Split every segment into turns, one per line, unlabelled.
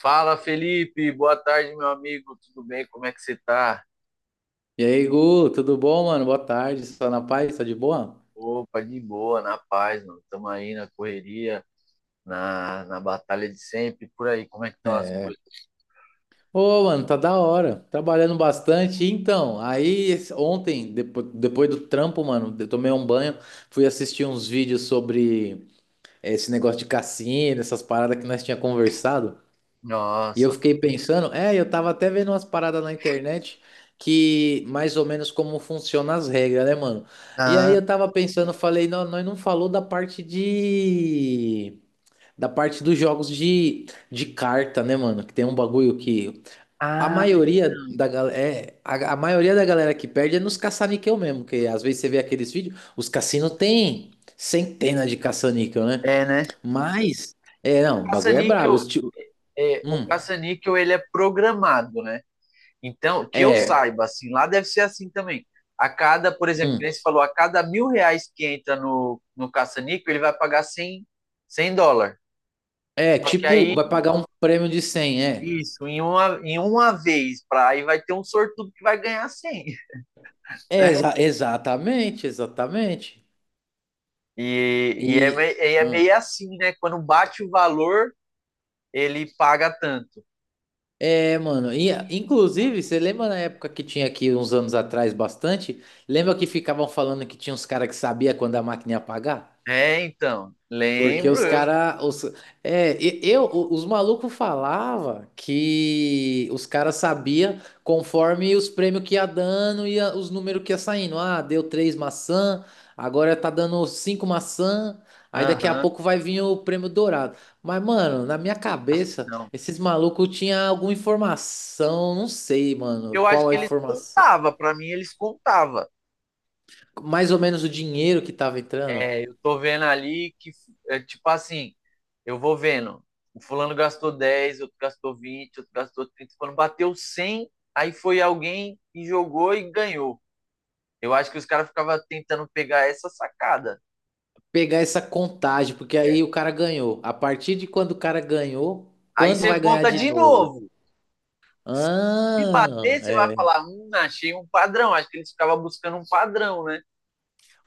Fala, Felipe. Boa tarde, meu amigo. Tudo bem? Como é que você tá?
E aí, Gu, tudo bom, mano? Boa tarde, só na paz, tá de boa?
Opa, de boa, na paz, mano. Estamos aí na correria, na batalha de sempre. Por aí, como é que estão as coisas?
Ô, mano, tá da hora, trabalhando bastante. Então, ontem, depois do trampo, mano, eu tomei um banho, fui assistir uns vídeos sobre esse negócio de cassino, essas paradas que nós tinha conversado. E eu
Nossa.
fiquei pensando, é, eu tava até vendo umas paradas na internet que mais ou menos como funcionam as regras, né, mano? E aí
Ah,
eu tava pensando, falei, não, nós não falou da parte de da parte dos jogos de carta, né, mano? Que tem um bagulho que a
ah,
maioria
então.
da galera é, a maioria da galera que perde é nos caça-níquel mesmo, que às vezes você vê aqueles vídeos, os cassinos têm centenas de caça-níquel, né?
É, né?
Mas é, não, o bagulho é brabo,
caça-níquel,
os tio,
É, o
hum,
caça-níquel, ele é programado, né? Então, que eu
é,
saiba, assim, lá deve ser assim também. A cada, por exemplo, que
hum,
nem você falou, a cada R$ 1.000 que entra no caça-níquel, ele vai pagar cem dólares.
é,
Só que
tipo,
aí
vai pagar um prêmio de 100, é.
isso, em uma vez, aí vai ter um sortudo que vai ganhar 100,
É,
né?
exatamente, exatamente.
E, e é,
E
me- é meio assim, né? Quando bate o valor, ele paga tanto.
É, mano, e, inclusive, você lembra na época que tinha aqui uns anos atrás bastante? Lembra que ficavam falando que tinha uns caras que sabia quando a máquina ia apagar?
É, então,
Porque os
lembro.
cara, os, é, os malucos falava que os caras sabia conforme os prêmios que ia dando e os números que ia saindo. Ah, deu três maçã, agora tá dando cinco maçã, aí daqui a
Aham,
pouco vai vir o prêmio dourado. Mas, mano, na minha cabeça,
não.
esses malucos tinham alguma informação, não sei, mano,
Eu acho
qual
que
a
eles
informação.
contavam, pra mim eles contavam.
Mais ou menos o dinheiro que tava entrando.
É, eu tô vendo ali que, é, tipo assim, eu vou vendo, o fulano gastou 10, outro gastou 20, outro gastou 30, quando bateu 100, aí foi alguém e jogou e ganhou. Eu acho que os caras ficavam tentando pegar essa sacada.
Pegar essa contagem, porque
É.
aí o cara ganhou. A partir de quando o cara ganhou,
Aí
quando
você
vai ganhar
conta
de
de
novo?
novo. Se
Ah,
bater, você vai
é.
falar, achei um padrão. Acho que eles ficavam buscando um padrão, né?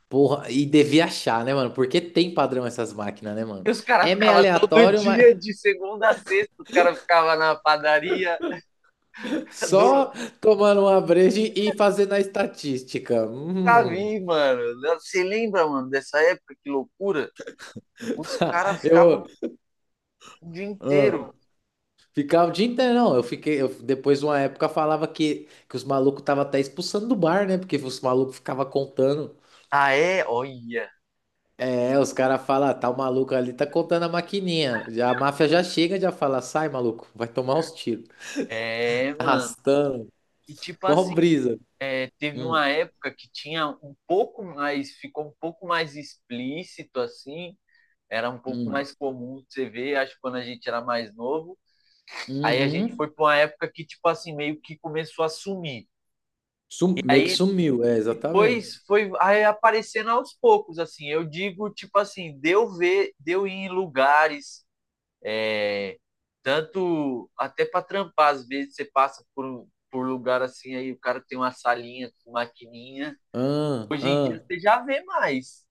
Porra, e devia achar, né, mano? Porque tem padrão essas máquinas, né,
E
mano?
os caras
É meio
ficavam todo
aleatório, mas
dia, de segunda a sexta, os caras ficavam na padaria do.
só tomando uma breja e fazendo a estatística.
Nunca
Hum.
vi, mano. Você lembra, mano, dessa época? Que loucura. Os caras
Eu
ficavam o dia
ah,
inteiro.
ficava o dia inteiro, não. Eu fiquei, eu, depois de uma época falava que os malucos estavam até expulsando do bar, né? Porque os malucos ficavam contando.
Ah, é? Olha.
É, os caras falam, tá o maluco ali, tá contando a maquininha. A máfia já chega, já fala, sai, maluco, vai tomar uns tiros.
É, mano.
Arrastando,
E tipo assim,
mó brisa.
é, teve
Hum,
uma época que tinha um pouco mais, ficou um pouco mais explícito assim, era um pouco
hum,
mais comum você ver, acho que quando a gente era mais novo. Aí a gente
uhum.
foi para uma época que, tipo assim, meio que começou a sumir.
Meio que
Aí
sumiu, é,
depois
exatamente.
foi aí aparecendo aos poucos, assim. Eu digo, tipo assim, deu ver, deu ir em lugares, é, tanto até para trampar, às vezes você passa por lugar assim, aí o cara tem uma salinha com maquininha.
Ah,
Hoje em dia
ah.
você já vê mais.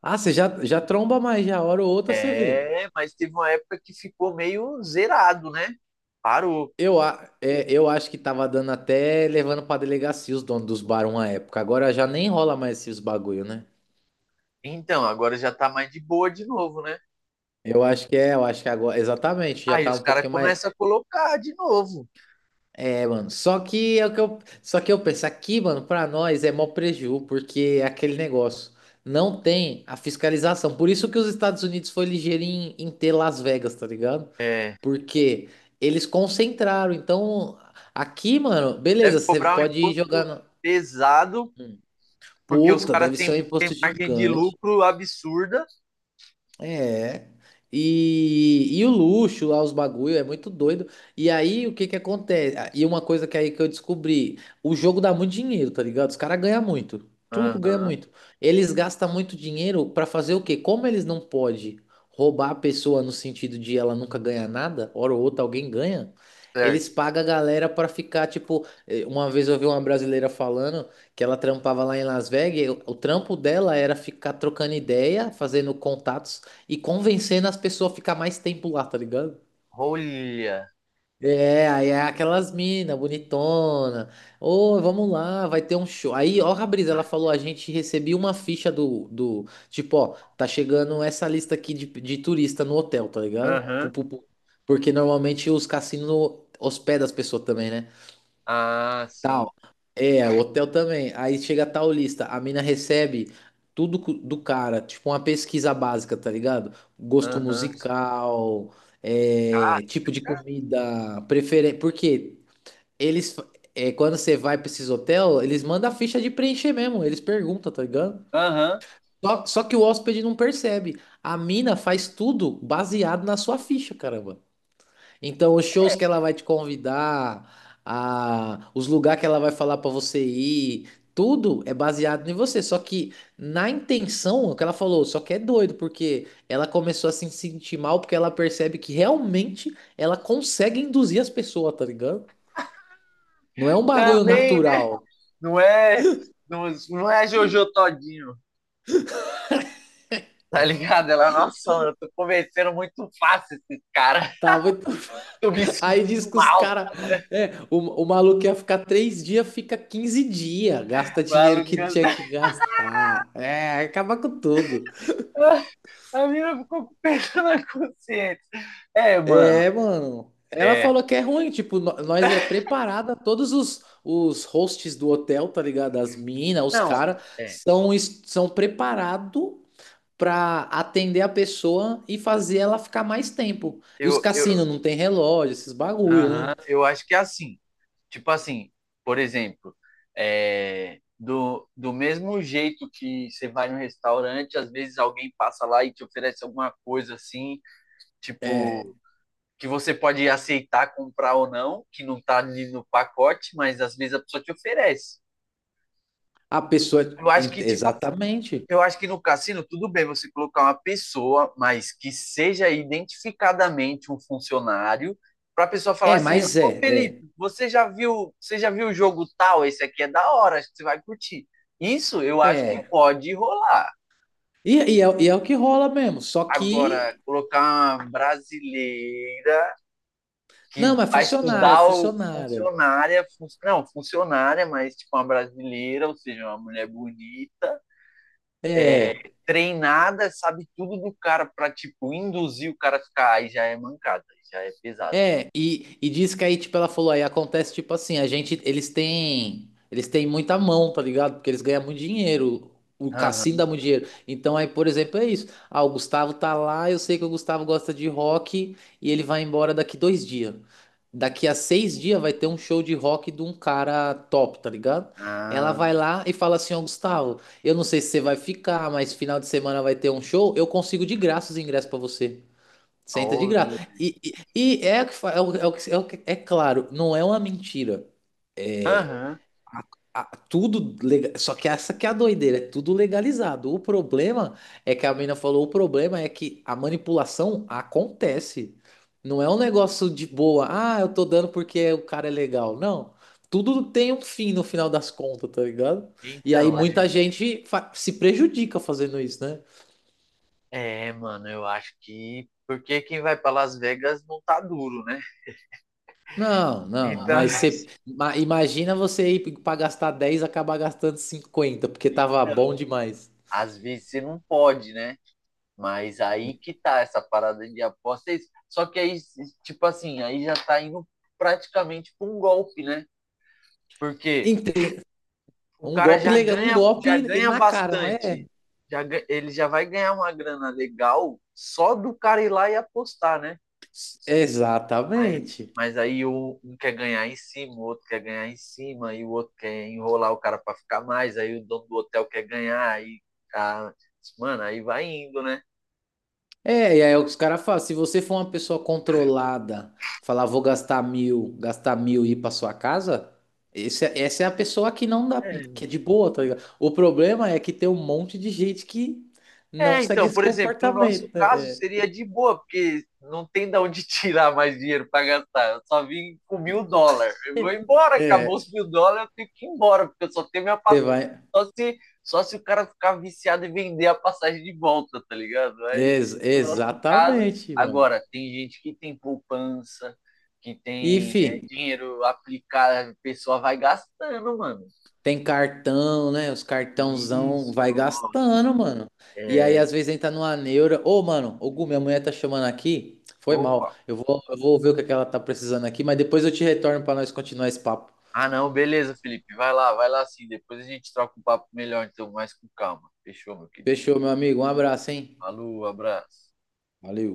Ah, você já, já tromba mais, já, hora ou outra você vê.
É, mas teve uma época que ficou meio zerado, né? Parou.
É, eu acho que tava dando até levando pra delegacia os donos dos bares uma época. Agora já nem rola mais esses bagulho, né?
Então, agora já tá mais de boa de novo, né?
Eu acho que é, eu acho que agora, exatamente, já
Aí
tá
os
um
caras
pouquinho mais.
começam a colocar de novo.
É, mano, só que é o que eu, só que eu penso aqui, mano, pra nós é mó preju, porque é aquele negócio, não tem a fiscalização. Por isso que os Estados Unidos foi ligeiro em, em ter Las Vegas, tá ligado?
É,
Porque eles concentraram. Então, aqui, mano, beleza,
deve
você
cobrar um
pode jogar
imposto
no...
pesado,
Hum.
porque os
Puta,
caras
deve ser um
têm
imposto
margem de
gigante.
lucro absurda.
É. E, e o luxo lá, os bagulho, é muito doido. E aí, o que que acontece? Ah, e uma coisa que aí que eu descobri, o jogo dá muito dinheiro, tá ligado? Os caras ganham muito. Tudo ganha
Aham,
muito. Eles gastam muito dinheiro pra fazer o quê? Como eles não podem roubar a pessoa no sentido de ela nunca ganhar nada, hora ou outra alguém ganha, eles
certo.
pagam a galera pra ficar, tipo, uma vez eu vi uma brasileira falando que ela trampava lá em Las Vegas, e o trampo dela era ficar trocando ideia, fazendo contatos e convencendo as pessoas a ficar mais tempo lá, tá ligado?
Olha.
É, aí é aquelas mina bonitona. Ô, vamos lá, vai ter um show. Aí, ó, a brisa, ela falou, a gente recebeu uma ficha tipo, ó, tá chegando essa lista aqui de turista no hotel, tá ligado? Pu,
Aham.
pu, pu. Porque normalmente os cassinos hospedam as pessoas também, né?
Ah, sim.
Tal. É, o hotel também. Aí chega tal lista, a mina recebe tudo do cara, tipo uma pesquisa básica, tá ligado? Gosto
Aham.
musical,
Cara,
é, tipo de comida, preferência. Porque eles, é, quando você vai pra esses hotel, eles mandam a ficha de preencher mesmo, eles perguntam, tá ligado?
aham.
Só, só que o hóspede não percebe. A mina faz tudo baseado na sua ficha, caramba. Então, os shows que ela vai te convidar, a, os lugares que ela vai falar pra você ir, tudo é baseado em você. Só que na intenção, o que ela falou, só que é doido, porque ela começou a se sentir mal porque ela percebe que realmente ela consegue induzir as pessoas, tá ligado? Não é um bagulho
Também, né?
natural.
Não é, não, não é Jojo Todinho. Tá ligado? Ela, nossa, eu tô convencendo muito fácil esses caras.
Tá, muito...
Tô me
Aí diz
sentindo
que os
mal,
caras. É, o maluco ia ficar 3 dias, fica 15 dias.
tá?
Gasta dinheiro que não tinha
Maluco.
que gastar. É, acaba com tudo.
A mina ficou com o peso na consciência. É, mano.
É, mano. Ela
É.
falou que é ruim, tipo, nós é preparada, todos os hosts do hotel, tá ligado? As minas, os
Não,
caras,
é.
são, são preparados pra atender a pessoa e fazer ela ficar mais tempo. E os
Eu, eu,
cassinos não tem relógio, esses bagulho, né?
aham, eu acho que é assim. Tipo assim, por exemplo, é, do mesmo jeito que você vai no restaurante, às vezes alguém passa lá e te oferece alguma coisa assim,
É,
tipo, que você pode aceitar comprar ou não, que não tá ali no pacote, mas às vezes a pessoa te oferece.
a pessoa.
Eu acho que, tipo,
Exatamente.
eu acho que no cassino, tudo bem você colocar uma pessoa, mas que seja identificadamente um funcionário, para a pessoa falar
É,
assim, É.
mas
ô
é,
Felipe,
é,
você já viu o jogo tal? Esse aqui é da hora, acho que você vai curtir. Isso eu acho que
é.
pode rolar.
E é o que rola mesmo. Só que.
Agora, colocar uma brasileira
Não,
que
mas
vai
funcionária,
estudar o
funcionária.
funcionária, não, funcionária, mas tipo uma brasileira, ou seja, uma mulher bonita,
É.
treinada, sabe tudo do cara pra tipo induzir o cara a ficar, aí já é mancada, já é pesado.
É, e diz que aí, tipo, ela falou, aí acontece, tipo assim, a gente, eles têm muita mão, tá ligado? Porque eles ganham muito dinheiro, o cassino
Aham.
dá muito dinheiro. Então aí, por exemplo, é isso. Ah, o Gustavo tá lá, eu sei que o Gustavo gosta de rock e ele vai embora daqui 2 dias. Daqui a 6 dias vai ter um show de rock de um cara top, tá ligado? Ela
Ah,
vai lá e fala assim, ó, Gustavo, eu não sei se você vai ficar, mas final de semana vai ter um show, eu consigo de graça os ingressos pra você. Senta de
olha.
graça. E é, o que fa- é, o, é, o que- é, o que- é claro, não é uma mentira. É,
Aham.
a- tudo legal, só que essa que é a doideira, é tudo legalizado. O problema é que a menina falou, o problema é que a manipulação acontece. Não é um negócio de boa, ah, eu tô dando porque o cara é legal. Não. Tudo tem um fim no final das contas, tá ligado? E aí
Então, é,
muita gente se prejudica fazendo isso, né?
é, mano, eu acho que porque quem vai pra Las Vegas não tá duro, né?
Não, não,
Então,
mas você imagina você ir pra gastar 10, e acabar gastando 50 porque tava
então,
bom demais.
às vezes você não pode, né? Mas aí que tá essa parada de apostas. Só que aí, tipo assim, aí já tá indo praticamente para um golpe, né? Porque
Ente-
o
Um
cara
golpe legal, um
já
golpe
ganha
na cara, mas é.
bastante. Ele já vai ganhar uma grana legal só do cara ir lá e apostar, né? Mas,
Exatamente.
mas aí um quer ganhar em cima, o outro quer ganhar em cima, e o outro quer enrolar o cara para ficar mais, aí o dono do hotel quer ganhar, aí, a- mano, aí vai indo, né?
É, e aí os caras falam, se você for uma pessoa controlada, falar vou gastar 1.000, gastar mil e ir pra sua casa, essa é a pessoa que não dá, que é
É,
de boa, tá ligado? O problema é que tem um monte de gente que não
É,
segue
então,
esse
por exemplo, no nosso
comportamento,
caso
né?
seria de boa, porque não tem de onde tirar mais dinheiro para gastar. Eu só vim com US$ 1.000. Eu vou
É.
embora,
É.
acabou
É,
os US$ 1.000, eu tenho que ir embora, porque eu só tenho minha
você
passagem.
vai.
Só se o cara ficar viciado e vender a passagem de volta, tá ligado? Mas no nosso caso,
Exatamente, mano.
agora, tem gente que tem poupança, que
E,
tem
fi,
dinheiro aplicado, a pessoa vai gastando, mano.
tem cartão, né? Os cartãozão
Isso,
vai
nossa.
gastando, mano. E
É,
aí, às vezes, entra numa neura. Ô, mano, ô, Gu, minha mulher tá chamando aqui. Foi
opa,
mal. Eu vou ver o que é que ela tá precisando aqui, mas depois eu te retorno pra nós continuar esse papo.
ah, não, beleza, Felipe. Vai lá sim. Depois a gente troca um papo melhor, então, mais com calma. Fechou, meu querido.
Fechou, meu amigo. Um abraço, hein?
Falou, abraço.
Valeu.